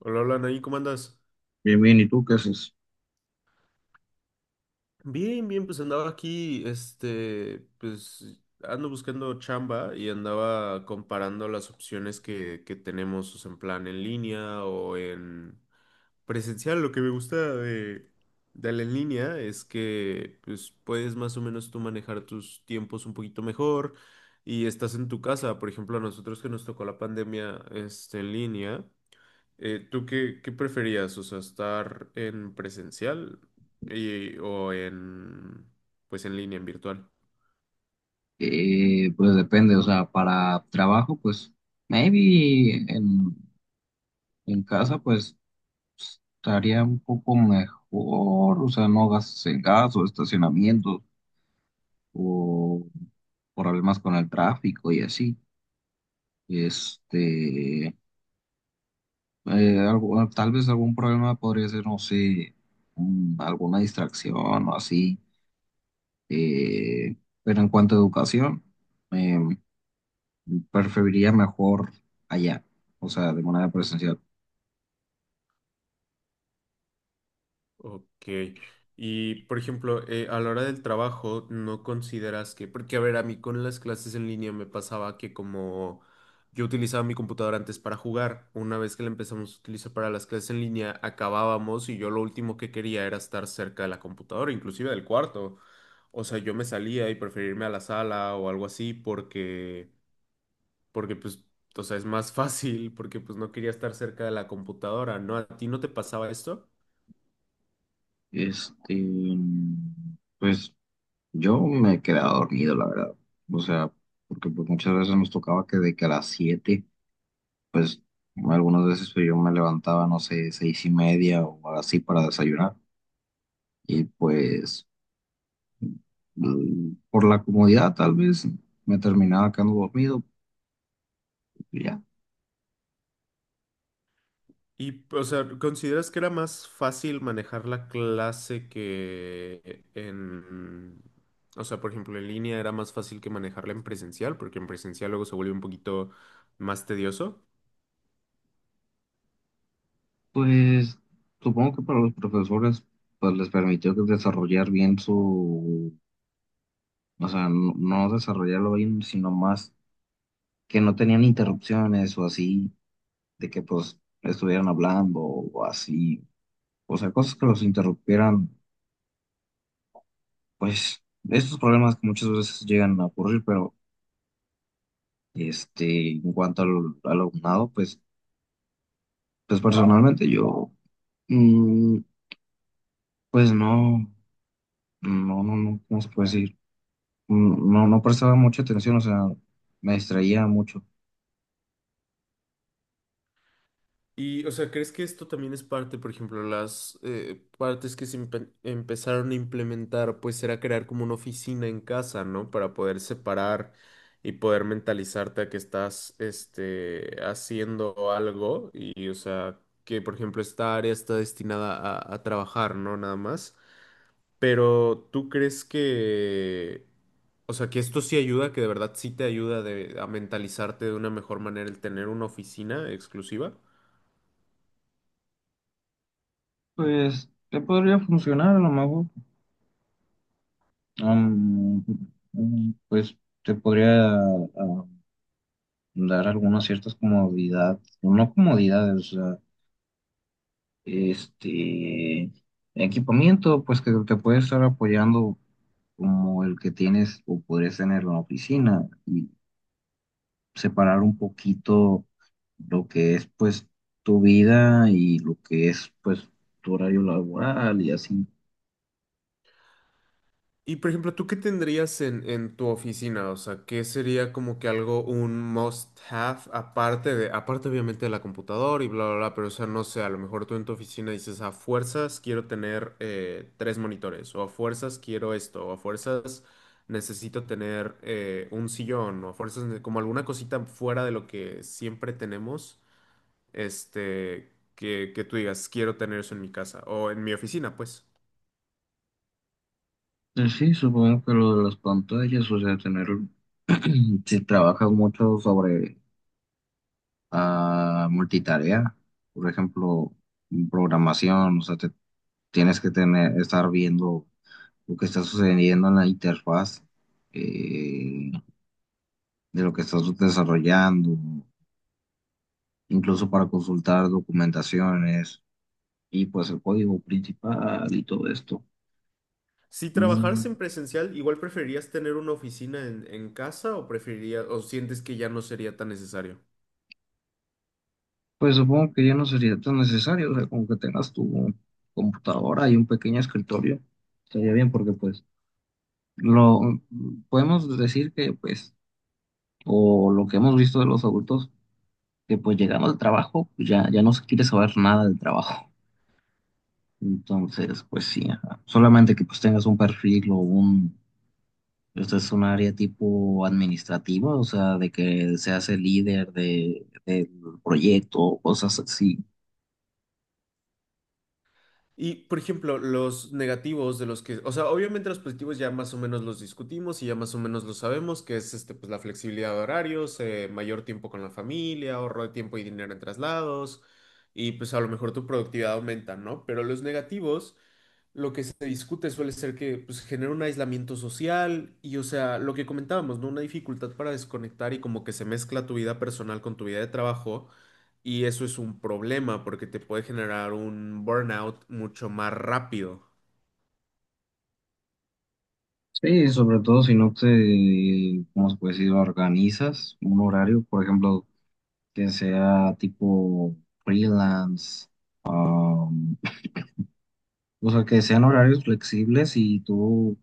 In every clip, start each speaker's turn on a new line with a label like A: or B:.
A: Hola, hola, Nain, ¿cómo andas?
B: Bien, bien, ¿y tú qué haces?
A: Bien, bien, pues andaba aquí, pues ando buscando chamba y andaba comparando las opciones que tenemos, o sea, en plan en línea o en presencial. Lo que me gusta de la en línea es que, pues, puedes más o menos tú manejar tus tiempos un poquito mejor y estás en tu casa. Por ejemplo, a nosotros que nos tocó la pandemia, este, en línea. ¿ qué preferías? O sea, estar en presencial o pues en línea, en virtual.
B: Pues depende, o sea, para trabajo, pues maybe en casa, pues estaría un poco mejor, o sea, no gastos en gas o estacionamiento o problemas con el tráfico y así. Este, tal vez algún problema podría ser, no sé, alguna distracción o así. Eh, pero en cuanto a educación, em, preferiría mejor allá, o sea, de manera presencial.
A: Ok. Y, por ejemplo, a la hora del trabajo, ¿no consideras que, porque, a ver, a mí con las clases en línea me pasaba que como yo utilizaba mi computadora antes para jugar, una vez que la empezamos a utilizar para las clases en línea, acabábamos y yo lo último que quería era estar cerca de la computadora, inclusive del cuarto? O sea, yo me salía y preferirme a la sala o algo así porque pues, o sea, es más fácil porque pues no quería estar cerca de la computadora, ¿no? ¿A ti no te pasaba esto?
B: Este, pues yo me he quedado dormido, la verdad. O sea, porque pues muchas veces nos tocaba que de que a las 7, pues algunas veces pues, yo me levantaba, no sé, seis y media o así para desayunar. Y pues por la comodidad tal vez me terminaba quedando dormido. Y ya,
A: Y, o sea, ¿consideras que era más fácil manejar la clase que en... O sea, por ejemplo, en línea era más fácil que manejarla en presencial, porque en presencial luego se vuelve un poquito más tedioso?
B: pues supongo que para los profesores pues les permitió que desarrollar bien su, o sea, no, no desarrollarlo bien, sino más que no tenían interrupciones o así, de que pues estuvieran hablando o así. O sea, cosas que los interrumpieran, pues estos problemas que muchas veces llegan a ocurrir, pero este, en cuanto al alumnado, pues personalmente yo, mm, pues no, no, no, no, ¿cómo se puede decir? No, no prestaba mucha atención, o sea, me distraía mucho.
A: Y, o sea, ¿crees que esto también es parte, por ejemplo, las partes que se empezaron a implementar, pues era crear como una oficina en casa, ¿no? Para poder separar y poder mentalizarte a que estás, este, haciendo algo y, o sea, que, por ejemplo, esta área está destinada a trabajar, ¿no? Nada más. Pero, ¿tú crees que, o sea, que esto sí ayuda, que de verdad sí te ayuda a mentalizarte de una mejor manera el tener una oficina exclusiva?
B: Pues, te podría funcionar a lo mejor. Um, pues te podría dar algunas ciertas comodidades, no comodidades, o sea, este equipamiento, pues que te puede estar apoyando como el que tienes o podrías tener en la oficina y separar un poquito lo que es pues tu vida y lo que es pues tu horario laboral y así.
A: Y por ejemplo, ¿tú qué tendrías en tu oficina? O sea, ¿qué sería como que algo, un must have, aparte obviamente de la computadora y bla, bla, bla, pero o sea, no sé, a lo mejor tú en tu oficina dices, a fuerzas quiero tener tres monitores, o a fuerzas quiero esto, o a fuerzas necesito tener un sillón, o a fuerzas como alguna cosita fuera de lo que siempre tenemos, este, que tú digas, quiero tener eso en mi casa, o en mi oficina, pues.
B: Sí, supongo que lo de las pantallas, o sea, tener, si trabajas mucho sobre a multitarea, por ejemplo, programación, o sea, te tienes que tener, estar viendo lo que está sucediendo en la interfaz eh, de lo que estás desarrollando, incluso para consultar documentaciones y pues el código principal y todo esto.
A: Si trabajaras
B: Mm,
A: en presencial, ¿igual preferirías tener una oficina en casa o preferirías, o sientes que ya no sería tan necesario?
B: Pues supongo que ya no sería tan necesario, o sea, como que tengas tu computadora y un pequeño escritorio, estaría bien porque pues lo podemos decir que pues o lo que hemos visto de los adultos, que pues llegando al trabajo, pues ya, ya no se quiere saber nada del trabajo. Entonces, pues sí, ajá. Solamente que pues tengas un perfil o un, esto es un área tipo administrativa, o sea, de que seas el líder del proyecto, o cosas así.
A: Y, por ejemplo, los negativos de los que, o sea, obviamente los positivos ya más o menos los discutimos y ya más o menos lo sabemos, que es este, pues la flexibilidad de horarios, mayor tiempo con la familia, ahorro de tiempo y dinero en traslados, y pues a lo mejor tu productividad aumenta, ¿no? Pero los negativos, lo que se discute suele ser que pues genera un aislamiento social y, o sea, lo que comentábamos, ¿no? Una dificultad para desconectar y como que se mezcla tu vida personal con tu vida de trabajo. Y eso es un problema porque te puede generar un burnout mucho más rápido.
B: Sí, sobre todo si no te, ¿cómo se puede decir? Organizas un horario, por ejemplo, que sea tipo freelance. O sea, que sean horarios flexibles y tú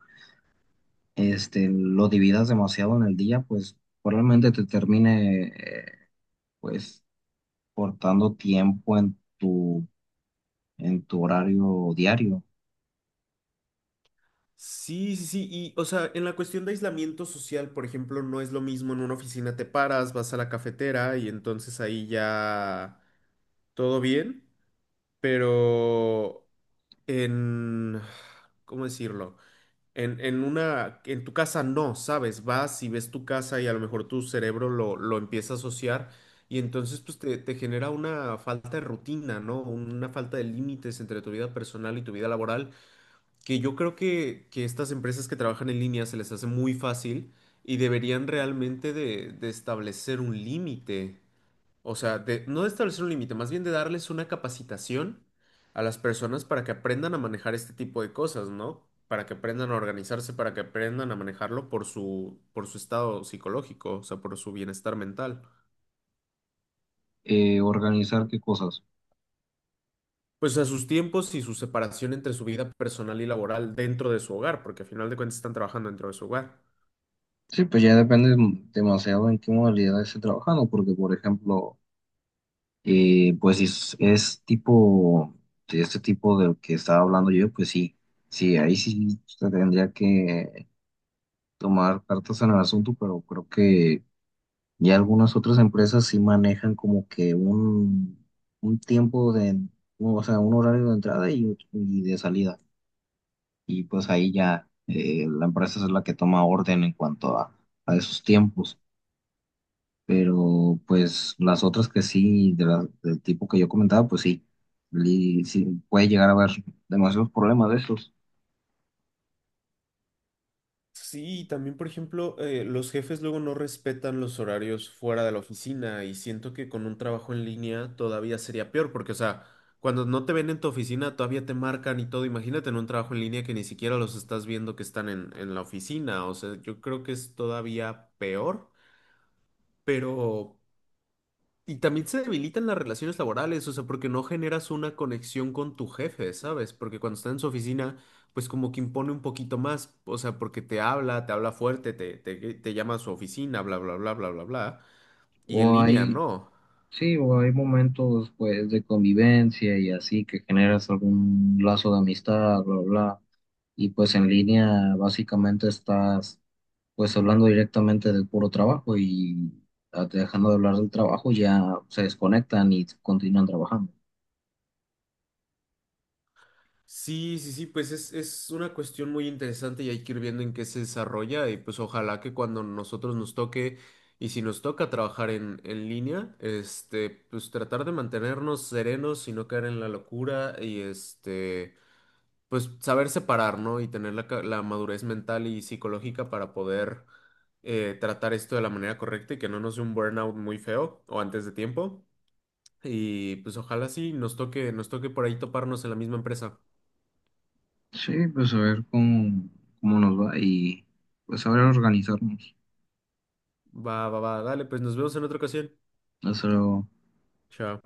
B: este, lo dividas demasiado en el día, pues probablemente te termine pues cortando tiempo en tu, horario diario.
A: Sí, sí, sí. Y, o sea, en la cuestión de aislamiento social, por ejemplo, no es lo mismo en una oficina te paras, vas a la cafetera y entonces ahí ya todo bien, pero en... ¿Cómo decirlo? En tu casa no, ¿sabes? Vas y ves tu casa y a lo mejor tu cerebro lo empieza a asociar y entonces pues te genera una falta de rutina, ¿no? Una falta de límites entre tu vida personal y tu vida laboral, que yo creo que estas empresas que trabajan en línea se les hace muy fácil y deberían realmente de establecer un límite. O sea, de no de establecer un límite, más bien de darles una capacitación a las personas para que aprendan a manejar este tipo de cosas, ¿no? Para que aprendan a organizarse, para que aprendan a manejarlo por su estado psicológico, o sea, por su bienestar mental.
B: ¿Organizar qué cosas?
A: Pues a sus tiempos y su separación entre su vida personal y laboral dentro de su hogar, porque al final de cuentas están trabajando dentro de su hogar.
B: Sí, pues ya depende demasiado en qué modalidad esté trabajando, porque por ejemplo, pues si es tipo, de este tipo del que estaba hablando yo, pues sí, sí, ahí sí se tendría que tomar cartas en el asunto, pero creo que, y algunas otras empresas sí manejan como que un, tiempo de, o sea, un horario de entrada y de salida. Y pues ahí ya la empresa es la que toma orden en cuanto a esos tiempos. Pero pues las otras que sí, del tipo que yo comentaba, pues sí, sí puede llegar a haber demasiados problemas de esos.
A: Sí, también, por ejemplo, los jefes luego no respetan los horarios fuera de la oficina y siento que con un trabajo en línea todavía sería peor, porque, o sea, cuando no te ven en tu oficina todavía te marcan y todo. Imagínate en un trabajo en línea que ni siquiera los estás viendo que están en la oficina. O sea, yo creo que es todavía peor, pero y también se debilitan las relaciones laborales, o sea, porque no generas una conexión con tu jefe, ¿sabes? Porque cuando está en su oficina, pues como que impone un poquito más, o sea, porque te habla fuerte, te llama a su oficina, bla, bla, bla, bla, bla, bla. Y en
B: O
A: línea,
B: hay
A: no.
B: Sí, o hay momentos pues de convivencia y así que generas algún lazo de amistad, bla, bla, bla. Y pues en línea básicamente estás pues hablando directamente del puro trabajo y dejando de hablar del trabajo ya se desconectan y continúan trabajando.
A: Sí, sí, sí, pues es una cuestión muy interesante y hay que ir viendo en qué se desarrolla y pues ojalá que cuando nosotros nos toque y si nos toca trabajar en línea, este, pues tratar de mantenernos serenos y no caer en la locura y este... pues saber separar, ¿no? Y tener la, la madurez mental y psicológica para poder tratar esto de la manera correcta y que no nos dé un burnout muy feo o antes de tiempo. Y pues ojalá sí nos toque por ahí toparnos en la misma empresa.
B: Sí, pues a ver cómo nos va y pues saber organizarnos.
A: Va, va, va, dale, pues nos vemos en otra ocasión.
B: Eso.
A: Chao.